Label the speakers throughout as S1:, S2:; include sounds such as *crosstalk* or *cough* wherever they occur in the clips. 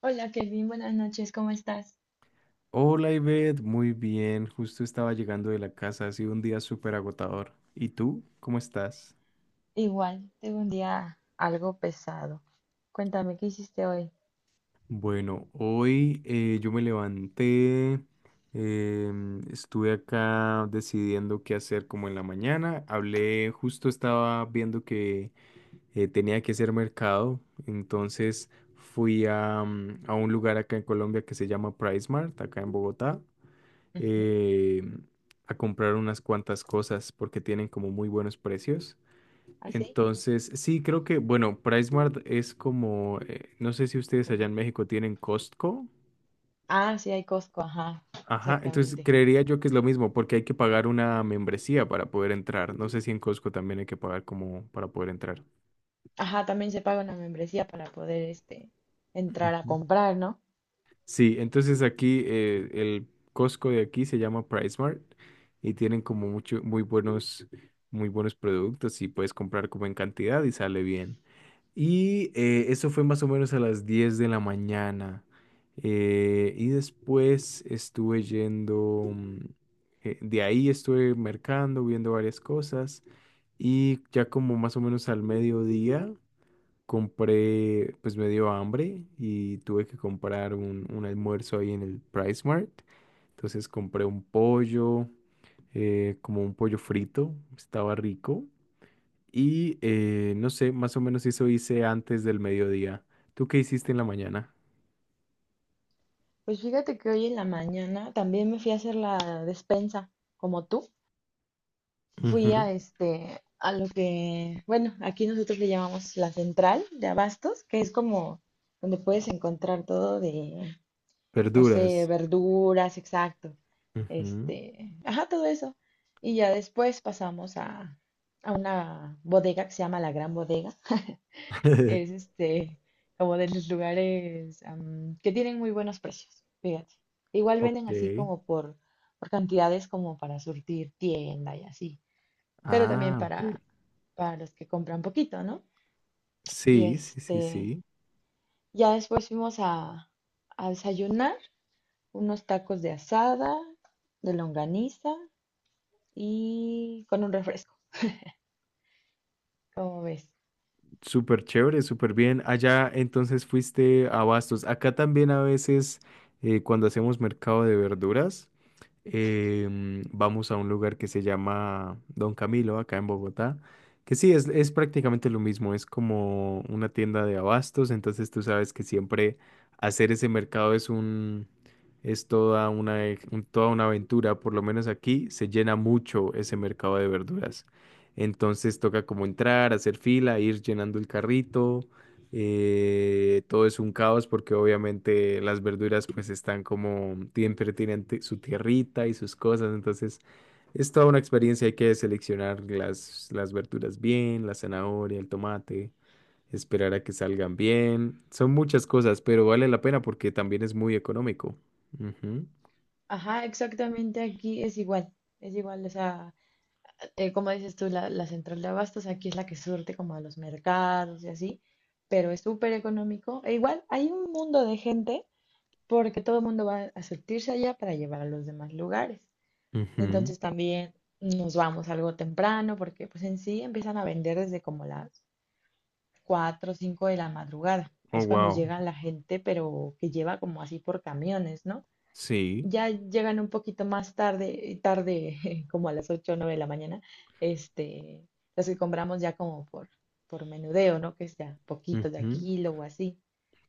S1: Hola Kevin, buenas noches, ¿cómo estás?
S2: Hola Ivette, muy bien, justo estaba llegando de la casa, ha sido un día súper agotador. ¿Y tú? ¿Cómo estás?
S1: Igual, tengo un día algo pesado. Cuéntame, ¿qué hiciste hoy?
S2: Bueno, hoy yo me levanté, estuve acá decidiendo qué hacer como en la mañana, hablé, justo estaba viendo que tenía que hacer mercado, entonces fui a un lugar acá en Colombia que se llama Price Mart, acá en Bogotá.
S1: Ujú.
S2: eh, a comprar unas cuantas cosas porque tienen como muy buenos precios.
S1: ¿Así?
S2: Entonces, sí, creo que, bueno, PriceMart es como, no sé si ustedes allá
S1: ¿Cómo?
S2: en México tienen Costco.
S1: Ah, sí, hay Costco, ajá,
S2: Ajá, entonces
S1: exactamente.
S2: creería yo que es lo mismo porque hay que pagar una membresía para poder entrar. No sé si en Costco también hay que pagar como para poder entrar.
S1: Ajá, también se paga una membresía para poder, entrar a
S2: Ujú.
S1: comprar, ¿no?
S2: Sí, entonces aquí el Costco de aquí se llama PriceMart y tienen como mucho, muy buenos productos y puedes comprar como en cantidad y sale bien. Y eso fue más o menos a las 10 de la mañana. Y después estuve yendo, de ahí estuve mercando, viendo varias cosas y ya como más o menos al mediodía compré, pues me dio hambre y tuve que comprar un almuerzo ahí en el Price Mart. Entonces compré un pollo, como un pollo frito, estaba rico. Y no sé, más o menos eso hice antes del mediodía. ¿Tú qué hiciste en la mañana?
S1: Pues fíjate que hoy en la mañana también me fui a hacer la despensa, como tú. Fui
S2: Ujú.
S1: a, a lo que, bueno, aquí nosotros le llamamos la central de abastos, que es como donde puedes encontrar todo de no sé,
S2: Verduras.
S1: verduras, exacto.
S2: Ujú.
S1: Ajá, todo eso. Y ya después pasamos a una bodega que se llama La Gran Bodega. *laughs* Es
S2: *laughs*
S1: como de los lugares que tienen muy buenos precios, fíjate. Igual
S2: Ok.
S1: venden así como por cantidades como para surtir tienda y así, pero también
S2: Ah, ok.
S1: para los que compran poquito, ¿no? Y
S2: Sí, sí, sí, sí.
S1: ya después fuimos a desayunar unos tacos de asada, de longaniza y con un refresco, como ves.
S2: Súper chévere, súper bien. Allá entonces fuiste a Bastos. Acá también a veces cuando hacemos mercado de verduras, vamos a un lugar que se llama Don Camilo, acá en Bogotá, que sí, es prácticamente lo mismo, es como una tienda de abastos, entonces tú sabes que siempre hacer ese mercado es un, es toda una, e- un- toda una aventura, por lo menos aquí se llena mucho ese mercado de verduras. Entonces toca como entrar, hacer fila, ir llenando el carrito. Todo es un caos porque obviamente las verduras pues están como siempre tienen su tierrita y sus cosas, entonces es toda una experiencia, hay que seleccionar las verduras bien, la zanahoria, el tomate, esperar a que salgan bien, son muchas cosas, pero vale la pena porque también es muy económico. Ujú,
S1: Ajá, exactamente aquí es igual, o sea, como dices tú, la central de abastos aquí es la que surte como a los mercados y así, pero es súper económico. E igual hay un mundo de gente porque todo el mundo va a surtirse allá para llevar a los demás lugares.
S2: ujú.
S1: Entonces también nos vamos algo temprano porque pues en sí empiezan a vender desde como las 4 o 5 de la madrugada.
S2: Oh,
S1: Es cuando
S2: wow.
S1: llega la gente, pero que lleva como así por camiones, ¿no?
S2: Sí.
S1: Ya llegan un poquito más tarde, tarde, *laughs* como a las 8 o 9 de la mañana, este, los que compramos ya como por menudeo, ¿no? Que es ya poquito de a
S2: Ujú.
S1: kilo o así.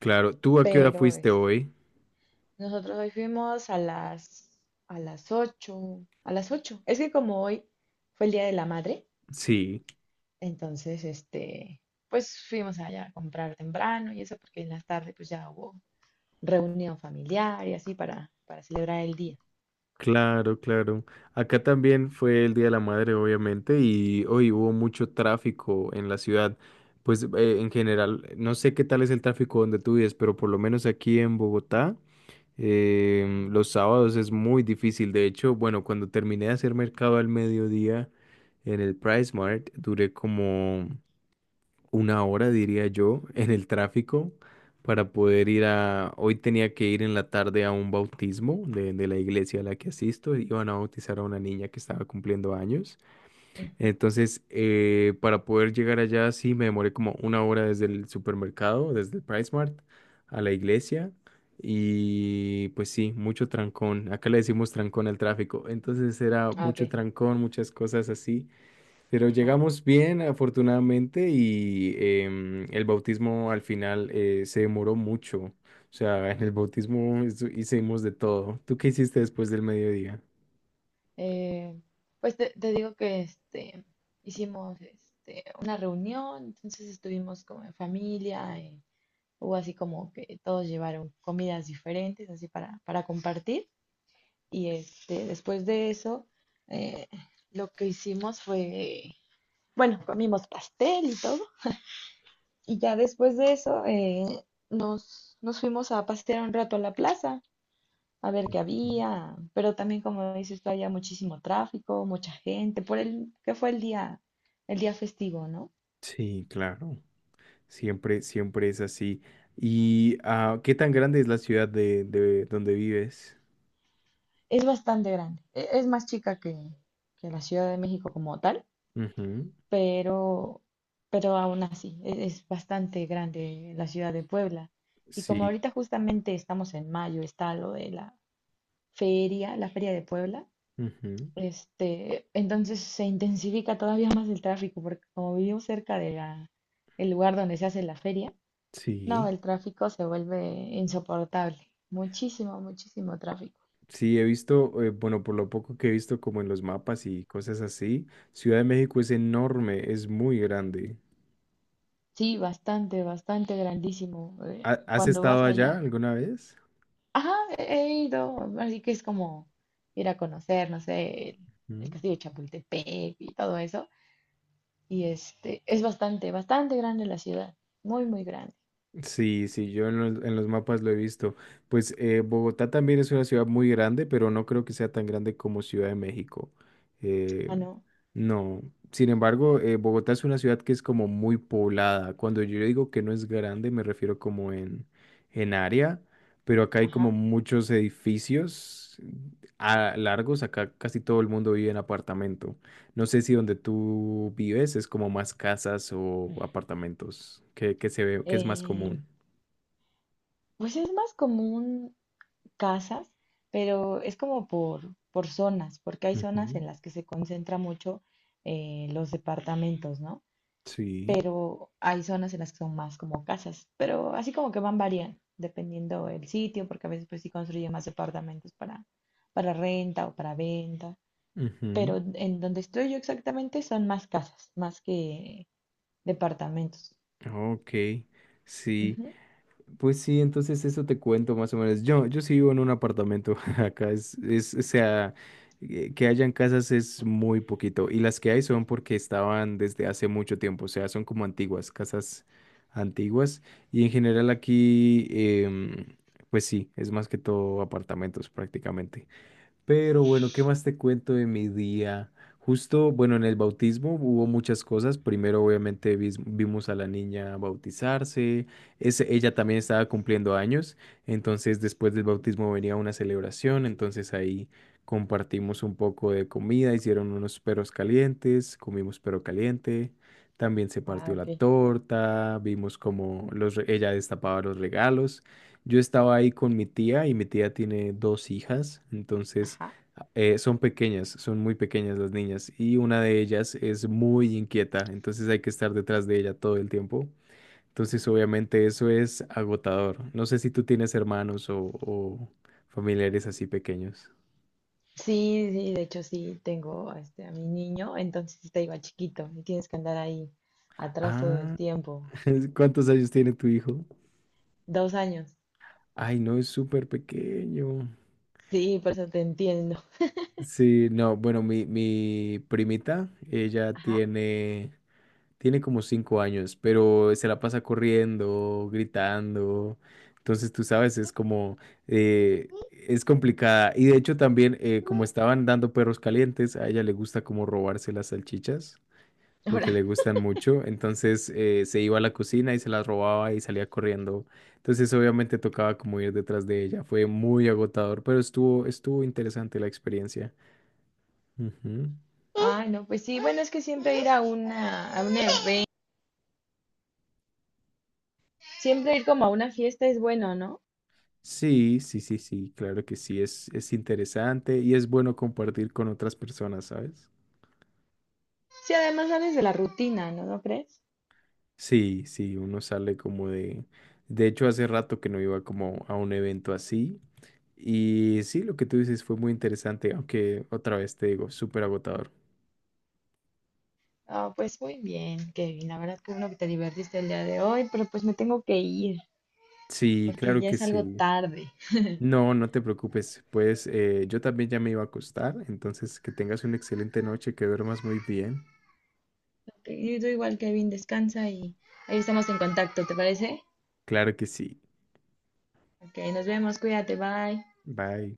S2: Claro, ¿tú a qué hora
S1: Pero
S2: fuiste
S1: es,
S2: hoy?
S1: nosotros hoy fuimos a las, a las 8. Es que como hoy fue el Día de la Madre.
S2: Sí.
S1: Entonces, pues fuimos allá a comprar temprano y eso, porque en la tarde pues ya hubo reunión familiar y así para celebrar el día.
S2: Claro, claro. Acá también fue el Día de la Madre, obviamente, y hoy hubo mucho tráfico en la ciudad. Pues en general, no sé qué tal es el tráfico donde tú vives, pero por lo menos aquí en Bogotá, los sábados es muy difícil. De hecho, bueno, cuando terminé de hacer mercado al mediodía en el Price Mart, duré como una hora, diría yo, en el tráfico para poder ir a... Hoy tenía que ir en la tarde a un bautismo de la iglesia a la que asisto. Iban a bautizar a una niña que estaba cumpliendo años.
S1: Ujú.
S2: Entonces, para poder llegar allá, sí, me demoré como una hora desde el supermercado, desde el Price Mart a la iglesia. Y pues sí, mucho trancón. Acá le decimos trancón al tráfico. Entonces era
S1: Ah, ok.
S2: mucho trancón, muchas cosas así. Pero
S1: Ajá.
S2: llegamos bien, afortunadamente, y el bautismo al final se demoró mucho. O sea, en el bautismo hicimos de todo. ¿Tú qué hiciste después del mediodía?
S1: Eh, pues te, te digo que hicimos una reunión, entonces estuvimos como en familia, hubo así como que todos llevaron comidas diferentes, así para compartir. Y después de eso, eh, lo que hicimos fue, bueno, comimos pastel y todo. Y ya después de eso nos, nos fuimos a pasear un rato a la plaza, a ver qué
S2: Ujú.
S1: había, pero también como dices tú, había muchísimo tráfico, mucha gente, por el que fue el día festivo, ¿no?
S2: Sí, claro. Siempre, siempre es así. ¿Y qué tan grande es la ciudad de donde vives?
S1: Es bastante grande, e- es más chica que la Ciudad de México como tal,
S2: Ujú.
S1: pero, pero aún así, e- es bastante grande la ciudad de Puebla. Y como
S2: Sí,
S1: ahorita justamente estamos en mayo, está lo de la feria de Puebla.
S2: ujú.
S1: Entonces se intensifica todavía más el tráfico, porque como vivimos cerca de la, el lugar donde se hace la feria, no,
S2: Sí.
S1: el tráfico se vuelve insoportable. Muchísimo, muchísimo tráfico.
S2: Sí, he visto, bueno, por lo poco que he visto como en los mapas y cosas así, Ciudad de México es enorme, es muy grande.
S1: Sí, bastante, bastante grandísimo.
S2: ¿Has
S1: Cuando
S2: estado
S1: vas
S2: allá
S1: allá.
S2: alguna vez?
S1: Ajá, he ido. Así que es como ir a conocer, no sé, el
S2: Mm.
S1: castillo de Chapultepec y todo eso. Y es bastante, bastante grande la ciudad. Muy, muy grande.
S2: Sí, sí, yo en los mapas lo he visto. Pues Bogotá también es una ciudad muy grande, pero no creo que sea tan grande como Ciudad de México. Eh,
S1: Ah, no.
S2: no. Sin embargo, Bogotá es una ciudad que es como muy poblada. Cuando yo digo que no es grande, me refiero como en área, pero acá hay como
S1: Ajá.
S2: muchos edificios largos. Acá casi todo el mundo vive en apartamento. No sé si donde tú vives es como más casas o apartamentos, que se ve, que es más
S1: Eh,
S2: común.
S1: pues es más común casas, pero es como por zonas, porque hay zonas
S2: Ujú.
S1: en las que se concentra mucho los departamentos, ¿no?
S2: Sí.
S1: Pero hay zonas en las que son más como casas, pero así como que van variando, dependiendo el sitio, porque a veces pues sí construyen más departamentos para renta o para venta, pero
S2: Ujú.
S1: en donde estoy yo exactamente son más casas, más que departamentos.
S2: Ok, sí.
S1: Ujú.
S2: Pues sí, entonces eso te cuento más o menos. Yo sí vivo en un apartamento. *laughs* Acá es, o sea, que hayan casas es muy poquito. Y las que hay son porque estaban desde hace mucho tiempo. O sea, son como antiguas, casas antiguas. Y en general aquí, pues sí, es más que todo apartamentos prácticamente. Pero bueno, ¿qué más te cuento de mi día? Justo, bueno, en el bautismo hubo muchas cosas. Primero, obviamente, vimos a la niña bautizarse. Ella también estaba cumpliendo años. Entonces, después del bautismo venía una celebración. Entonces, ahí compartimos un poco de comida. Hicieron unos perros calientes. Comimos perro caliente. También se
S1: Ah,
S2: partió la
S1: ok.
S2: torta. Vimos cómo ella destapaba los regalos. Yo estaba ahí con mi tía y mi tía tiene dos hijas, entonces
S1: Ajá.
S2: son pequeñas, son muy pequeñas las niñas y una de ellas es muy inquieta, entonces hay que estar detrás de ella todo el tiempo. Entonces obviamente eso es agotador. No sé si tú tienes hermanos o familiares así pequeños.
S1: Sí, sí, de hecho sí, tengo a mi niño, entonces está igual chiquito y tienes que andar ahí atrás todo el
S2: Ah,
S1: tiempo.
S2: *laughs* ¿cuántos años tiene tu hijo?
S1: 2 años.
S2: Ay, no, es súper pequeño.
S1: Sí, por eso te entiendo.
S2: Sí, no, bueno, mi primita, ella
S1: Ajá.
S2: tiene como 5 años, pero se la pasa corriendo, gritando. Entonces, tú sabes, es como, es complicada. Y de hecho también, como estaban dando perros calientes, a ella le gusta como robarse las salchichas, porque
S1: Ahora,
S2: le gustan mucho. Entonces, se iba a la cocina y se las robaba y salía corriendo. Entonces, obviamente tocaba como ir detrás de ella. Fue muy agotador, pero estuvo interesante la experiencia. Ujú.
S1: ay, no, pues sí, bueno, es que siempre ir a una, a un evento, siempre ir como a una fiesta es bueno, ¿no?
S2: Sí, sí, sí, sí, claro que sí, es interesante y es bueno compartir con otras personas, ¿sabes?
S1: Sí, además sales de la rutina, ¿no? ¿No crees?
S2: Sí, sí, uno sale como de... De hecho, hace rato que no iba como a un evento así y sí, lo que tú dices fue muy interesante, aunque otra vez te digo, súper agotador.
S1: Ah, pues muy bien, Kevin, la verdad que bueno que te divertiste el día de hoy, pero pues me tengo que ir,
S2: Sí,
S1: porque
S2: claro
S1: ya
S2: que
S1: es algo
S2: sí.
S1: tarde.
S2: No, no te preocupes, pues yo también ya me iba a acostar, entonces que tengas una excelente noche, que duermas muy bien.
S1: Yo yo igual, Kevin, descansa y ahí estamos en contacto, ¿te parece?
S2: Claro que sí.
S1: Ok, nos vemos, cuídate, bye.
S2: Bye.